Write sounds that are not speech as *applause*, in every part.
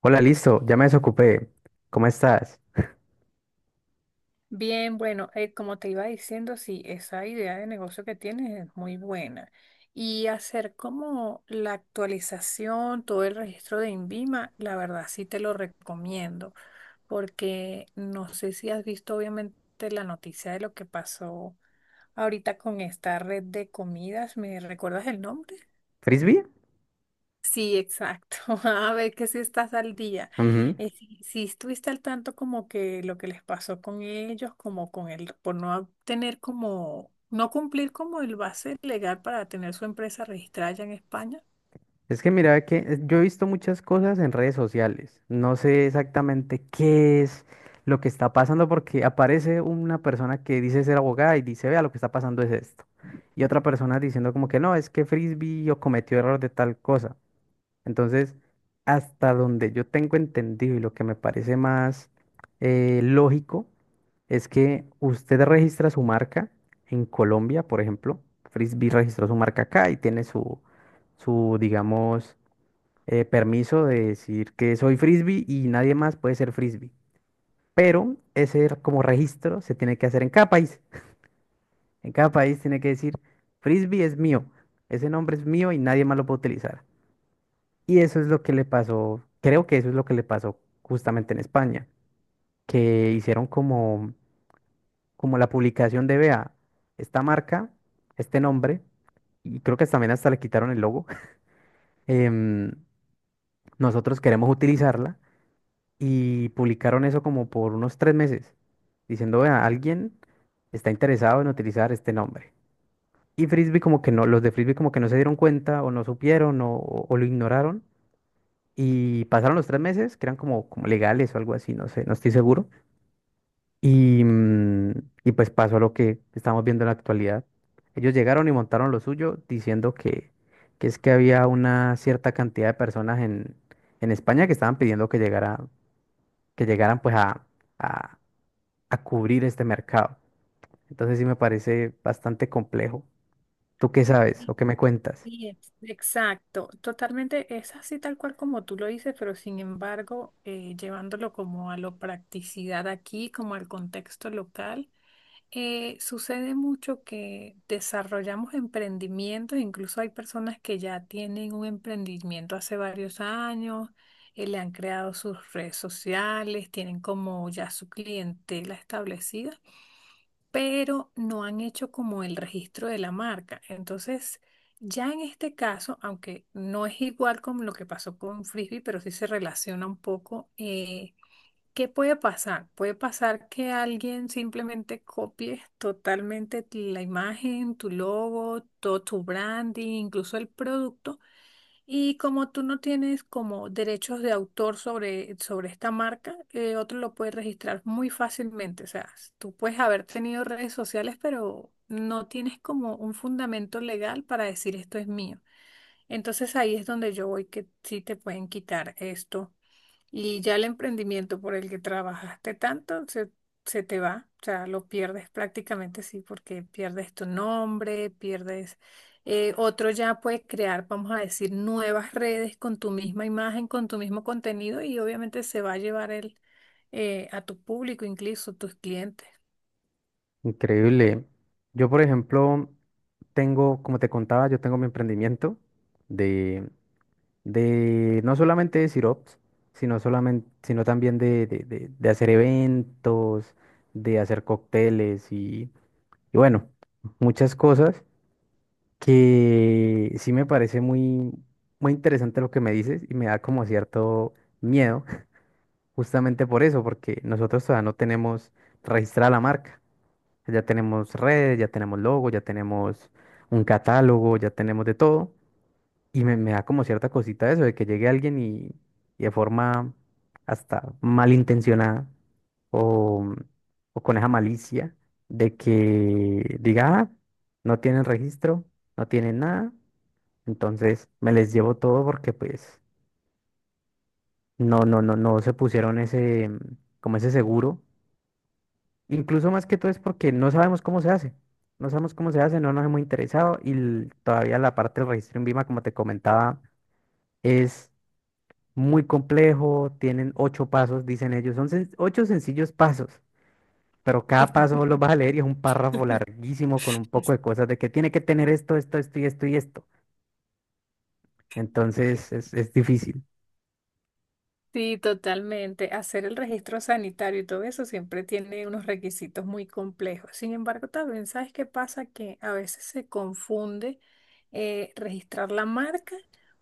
Hola, listo, ya me desocupé. ¿Cómo estás? Bien, bueno, como te iba diciendo, sí, esa idea de negocio que tienes es muy buena. Y hacer como la actualización, todo el registro de INVIMA, la verdad sí te lo recomiendo, porque no sé si has visto obviamente la noticia de lo que pasó ahorita con esta red de comidas. ¿Me recuerdas el nombre? ¿Frisbee? Sí, exacto. *laughs* A ver que si estás al día. Ujú. Si estuviste al tanto como que lo que les pasó con ellos, como con el, por no tener como, no cumplir como el base legal para tener su empresa registrada allá en España. Es que mira que yo he visto muchas cosas en redes sociales. No sé exactamente qué es lo que está pasando porque aparece una persona que dice ser abogada y dice, vea, lo que está pasando es esto. Y otra persona diciendo como que no, es que Frisbee o cometió error de tal cosa. Entonces, hasta donde yo tengo entendido y lo que me parece más lógico. Es que usted registra su marca en Colombia, por ejemplo. Frisbee registró su marca acá y tiene su, digamos, permiso de decir que soy Frisbee y nadie más puede ser Frisbee. Pero como registro se tiene que hacer en cada país. En cada país tiene que decir, Frisbee es mío, ese nombre es mío y nadie más lo puede utilizar. Y eso es lo que le pasó, creo que eso es lo que le pasó justamente en España, que hicieron como la publicación de, vea, esta marca, este nombre, y creo que también hasta le quitaron el logo, *laughs* em, nosotros queremos utilizarla y publicaron eso como por unos 3 meses, diciendo, vea, alguien está interesado en utilizar este nombre. Y Frisbee como que no, los de Frisbee como que no se dieron cuenta o no supieron o lo ignoraron. Y pasaron los 3 meses, que eran como, como legales o algo así, no sé, no estoy seguro. Y, mm, y pues pasó lo que estamos viendo en la actualidad. Ellos llegaron y montaron lo suyo diciendo que es que había una cierta cantidad de personas en España que estaban pidiendo que llegara, que llegaran pues a, a cubrir este mercado. Entonces sí me parece bastante complejo. ¿Tú qué sabes Sí, o qué me cuentas? Exacto, totalmente es así tal cual como tú lo dices, pero sin embargo, llevándolo como a la practicidad aquí, como al contexto local. Sucede mucho que desarrollamos emprendimientos, incluso hay personas que ya tienen un emprendimiento hace varios años, le han creado sus redes sociales, tienen como ya su clientela establecida, pero no han hecho como el registro de la marca. Entonces, ya en este caso, aunque no es igual como lo que pasó con Frisbee, pero sí se relaciona un poco. ¿Qué puede pasar? Puede pasar que alguien simplemente copie totalmente la imagen, tu logo, todo tu branding, incluso el producto. Y como tú no tienes como derechos de autor sobre esta marca, otro lo puede registrar muy fácilmente. O sea, tú puedes haber tenido redes sociales, pero no tienes como un fundamento legal para decir esto es mío. Entonces ahí es donde yo voy que sí te pueden quitar esto y ya el emprendimiento por el que trabajaste tanto se te va, o sea, lo pierdes prácticamente, sí, porque pierdes tu nombre, pierdes... otro ya puede crear, vamos a decir, nuevas redes con tu misma imagen, con tu mismo contenido y obviamente se va a llevar a tu público, incluso tus clientes. Increíble. Yo, por ejemplo, tengo, como te contaba, yo tengo mi emprendimiento de no solamente de sirops, sino también de, de hacer eventos, de hacer cócteles y bueno, muchas cosas que sí me parece muy, muy interesante lo que me dices y me da como cierto miedo, *laughs* justamente por eso, porque nosotros todavía no tenemos registrada la marca. Ya tenemos redes, ya tenemos logo, ya tenemos un catálogo, ya tenemos de todo y me da como cierta cosita eso, de que llegue alguien y de forma hasta malintencionada o, o con esa malicia de que diga, "Ah, no tienen registro, no tienen nada, entonces me les llevo todo porque pues no se pusieron ese, como ese seguro". Incluso más que todo es porque no sabemos cómo se hace, no sabemos cómo se hace, no nos hemos interesado y todavía la parte del registro en Vima, como te comentaba, es... muy complejo, tienen ocho pasos, dicen ellos, son ocho sencillos pasos, pero cada paso vos lo vas a leer y es un párrafo *laughs* larguísimo con un poco de cosas de que tiene que tener esto, esto, esto y esto y esto. Entonces es difícil. Sí, totalmente. Hacer el registro sanitario y todo eso siempre tiene unos requisitos muy complejos. Sin embargo, también, ¿sabes qué pasa? Que a veces se confunde registrar la marca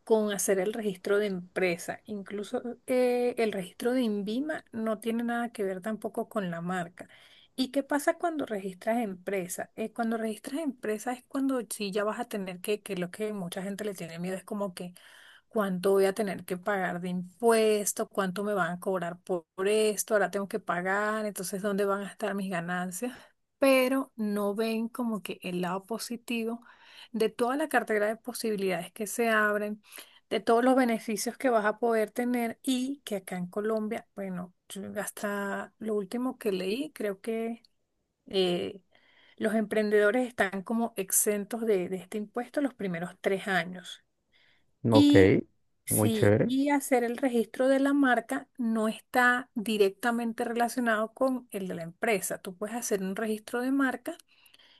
con hacer el registro de empresa. Incluso el registro de INVIMA no tiene nada que ver tampoco con la marca. ¿Y qué pasa cuando registras empresa? Cuando registras empresa es cuando sí ya vas a tener que lo que mucha gente le tiene miedo es como que cuánto voy a tener que pagar de impuesto, cuánto me van a cobrar por esto, ahora tengo que pagar, entonces dónde van a estar mis ganancias, pero no ven como que el lado positivo de toda la cartera de posibilidades que se abren, de todos los beneficios que vas a poder tener y que acá en Colombia, bueno, yo hasta lo último que leí, creo que... eh, los emprendedores están como exentos de este impuesto los primeros 3 años. Ok, Y muy sí, chévere. y hacer el registro de la marca no está directamente relacionado con el de la empresa. Tú puedes hacer un registro de marca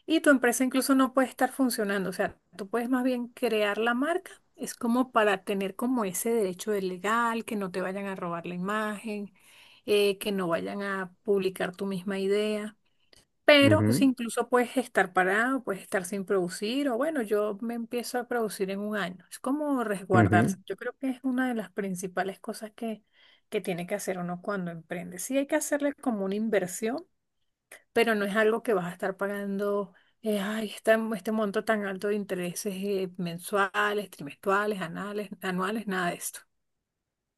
y tu empresa incluso no puede estar funcionando. O sea, tú puedes más bien crear la marca. Es como para tener como ese derecho de legal, que no te vayan a robar la imagen, que no vayan a publicar tu misma idea. Pero si Ujú, incluso puedes estar parado, puedes estar sin producir, o bueno, yo me empiezo a producir en 1 año. Es como ujú. resguardarse. Yo creo que es una de las principales cosas que tiene que hacer uno cuando emprende. Sí hay que hacerle como una inversión, pero no es algo que vas a estar pagando, ay, este monto tan alto de intereses mensuales, trimestrales, anuales, nada de esto.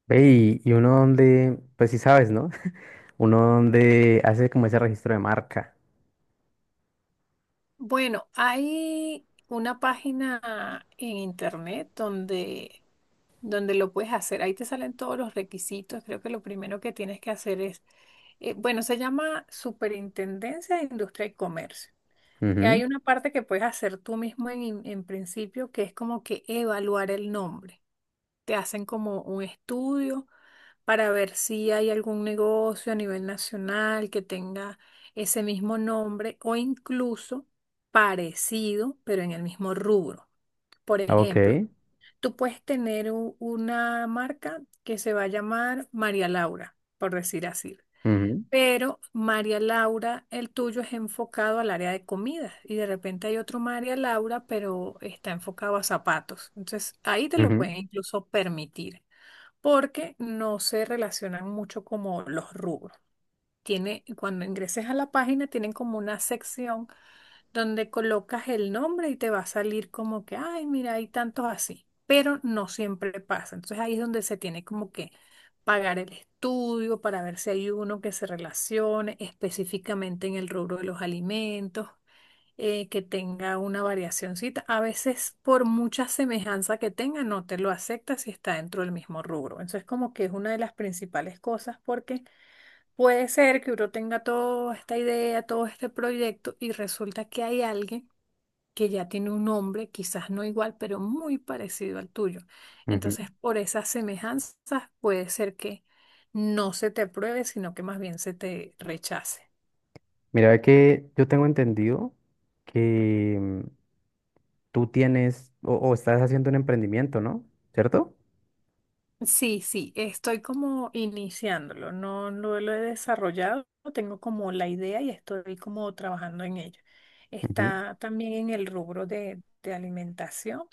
Ve, y uno donde, pues sí sabes, ¿no? *laughs* Uno donde hace como ese registro de marca. Bueno, hay una página en internet donde lo puedes hacer. Ahí te salen todos los requisitos. Creo que lo primero que tienes que hacer bueno, se llama Superintendencia de Industria y Comercio. Y Ujú. hay una parte que puedes hacer tú mismo en principio, que es como que evaluar el nombre. Te hacen como un estudio para ver si hay algún negocio a nivel nacional que tenga ese mismo nombre o incluso parecido, pero en el mismo rubro. Por Ok. ejemplo, tú puedes tener una marca que se va a llamar María Laura, por decir así. Ujú, Pero María Laura, el tuyo es enfocado al área de comidas y de repente hay otro María Laura, pero está enfocado a zapatos. Entonces ahí te lo ujú, pueden incluso permitir porque no se relacionan mucho como los rubros. Tiene, cuando ingreses a la página, tienen como una sección donde colocas el nombre y te va a salir como que, ay, mira, hay tantos así, pero no siempre pasa. Entonces ahí es donde se tiene como que pagar el estudio para ver si hay uno que se relacione específicamente en el rubro de los alimentos, que tenga una variacióncita. A veces por mucha semejanza que tenga, no te lo acepta si está dentro del mismo rubro. Entonces como que es una de las principales cosas porque... puede ser que uno tenga toda esta idea, todo este proyecto y resulta que hay alguien que ya tiene un nombre, quizás no igual, pero muy parecido al tuyo. ujú. Entonces, por esas semejanzas, puede ser que no se te apruebe, sino que más bien se te rechace. Mira ve que yo tengo entendido que tú tienes o estás haciendo un emprendimiento, ¿no? ¿Cierto? Sí, sí, estoy como iniciándolo, no, no lo he desarrollado, tengo como la idea y estoy como trabajando en ello. Está también en el rubro de alimentación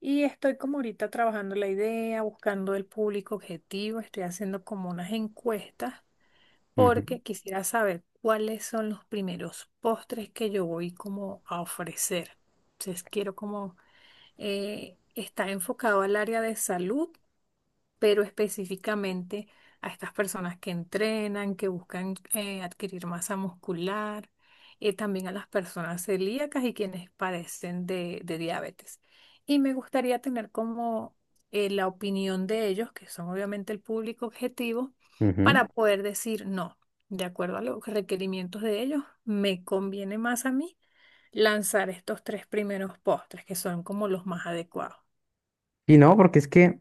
y estoy como ahorita trabajando la idea, buscando el público objetivo, estoy haciendo como unas encuestas Ujú, ujú, porque quisiera saber cuáles son los primeros postres que yo voy como a ofrecer. Entonces quiero como, está enfocado al área de salud pero específicamente a estas personas que entrenan, que buscan adquirir masa muscular, también a las personas celíacas y quienes padecen de diabetes. Y me gustaría tener como la opinión de ellos, que son obviamente el público objetivo, ujú. para poder decir no. De acuerdo a los requerimientos de ellos, me conviene más a mí lanzar estos 3 primeros postres, que son como los más adecuados. Y no, porque es que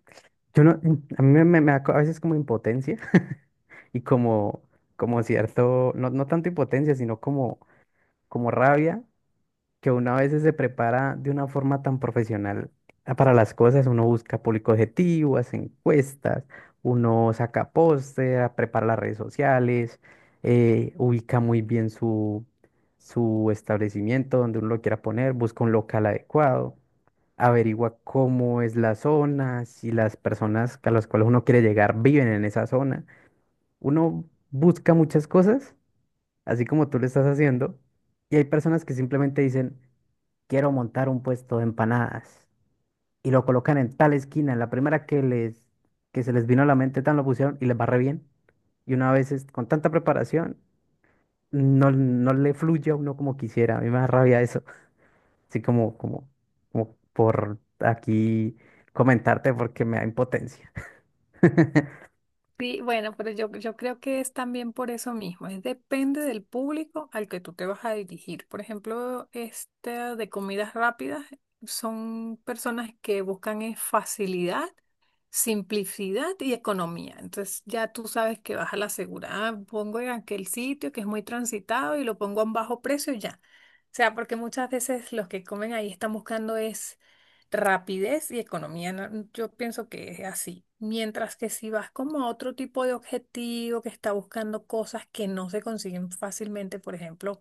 yo no, a mí me, me da a veces como impotencia *laughs* y como, como cierto, no, no tanto impotencia, sino como, como rabia que uno a veces se prepara de una forma tan profesional para las cosas, uno busca público objetivo, hace encuestas, uno saca póster, prepara las redes sociales, ubica muy bien su, su establecimiento donde uno lo quiera poner, busca un local adecuado, averigua cómo es la zona, si las personas a las cuales uno quiere llegar viven en esa zona. Uno busca muchas cosas, así como tú lo estás haciendo, y hay personas que simplemente dicen, quiero montar un puesto de empanadas. Y lo colocan en tal esquina, en la primera que les, que se les vino a la mente, tan lo pusieron y les va re bien. Y con tanta preparación, no, no le fluye a uno como quisiera. A mí me da rabia eso. Así como, como, como por aquí comentarte porque me da impotencia. Sí, bueno, pero yo creo que es también por eso mismo, es depende del público al que tú te vas a dirigir. Por ejemplo, esta de comidas rápidas son personas que buscan es facilidad, simplicidad y economía. Entonces ya tú sabes que vas a la segura, "Ah, pongo en aquel sitio que es muy transitado y lo pongo a un bajo precio y ya." O sea, porque muchas veces los que comen ahí están buscando es rapidez y economía, ¿no? Mm, yo pienso que es así. Mientras que si vas como a otro tipo de objetivo que está buscando cosas que no se consiguen fácilmente, por ejemplo,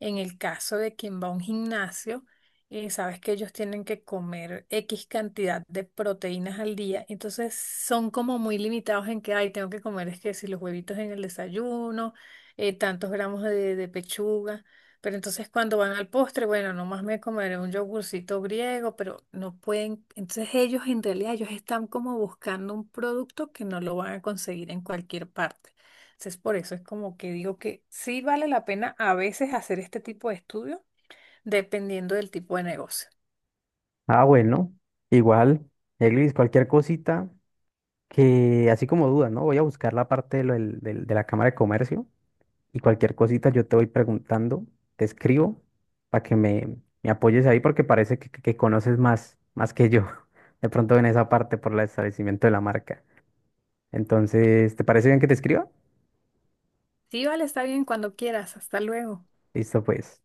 en el caso de quien va a un gimnasio, sabes que ellos tienen que comer X cantidad de proteínas al día, entonces son como muy limitados en que, ay, tengo que comer, es que si los huevitos en el desayuno, tantos gramos de pechuga, pero entonces cuando van al postre, bueno, nomás me comeré un yogurcito griego, pero no pueden, entonces ellos en realidad, ellos están como buscando un producto que no lo van a conseguir en cualquier parte. Entonces, por eso es como que digo que sí vale la pena a veces hacer este tipo de estudio, dependiendo del tipo de negocio. Ah, bueno, igual, Eglis, cualquier cosita que, así como dudas, ¿no? Voy a buscar la parte de, lo de la Cámara de Comercio. Y cualquier cosita yo te voy preguntando, te escribo para que me apoyes ahí porque parece que, que conoces más, más que yo, *laughs* de pronto en esa parte por el establecimiento de la marca. Entonces, ¿te parece bien que te escriba? Sí, vale, está bien cuando quieras. Hasta luego. Listo, pues.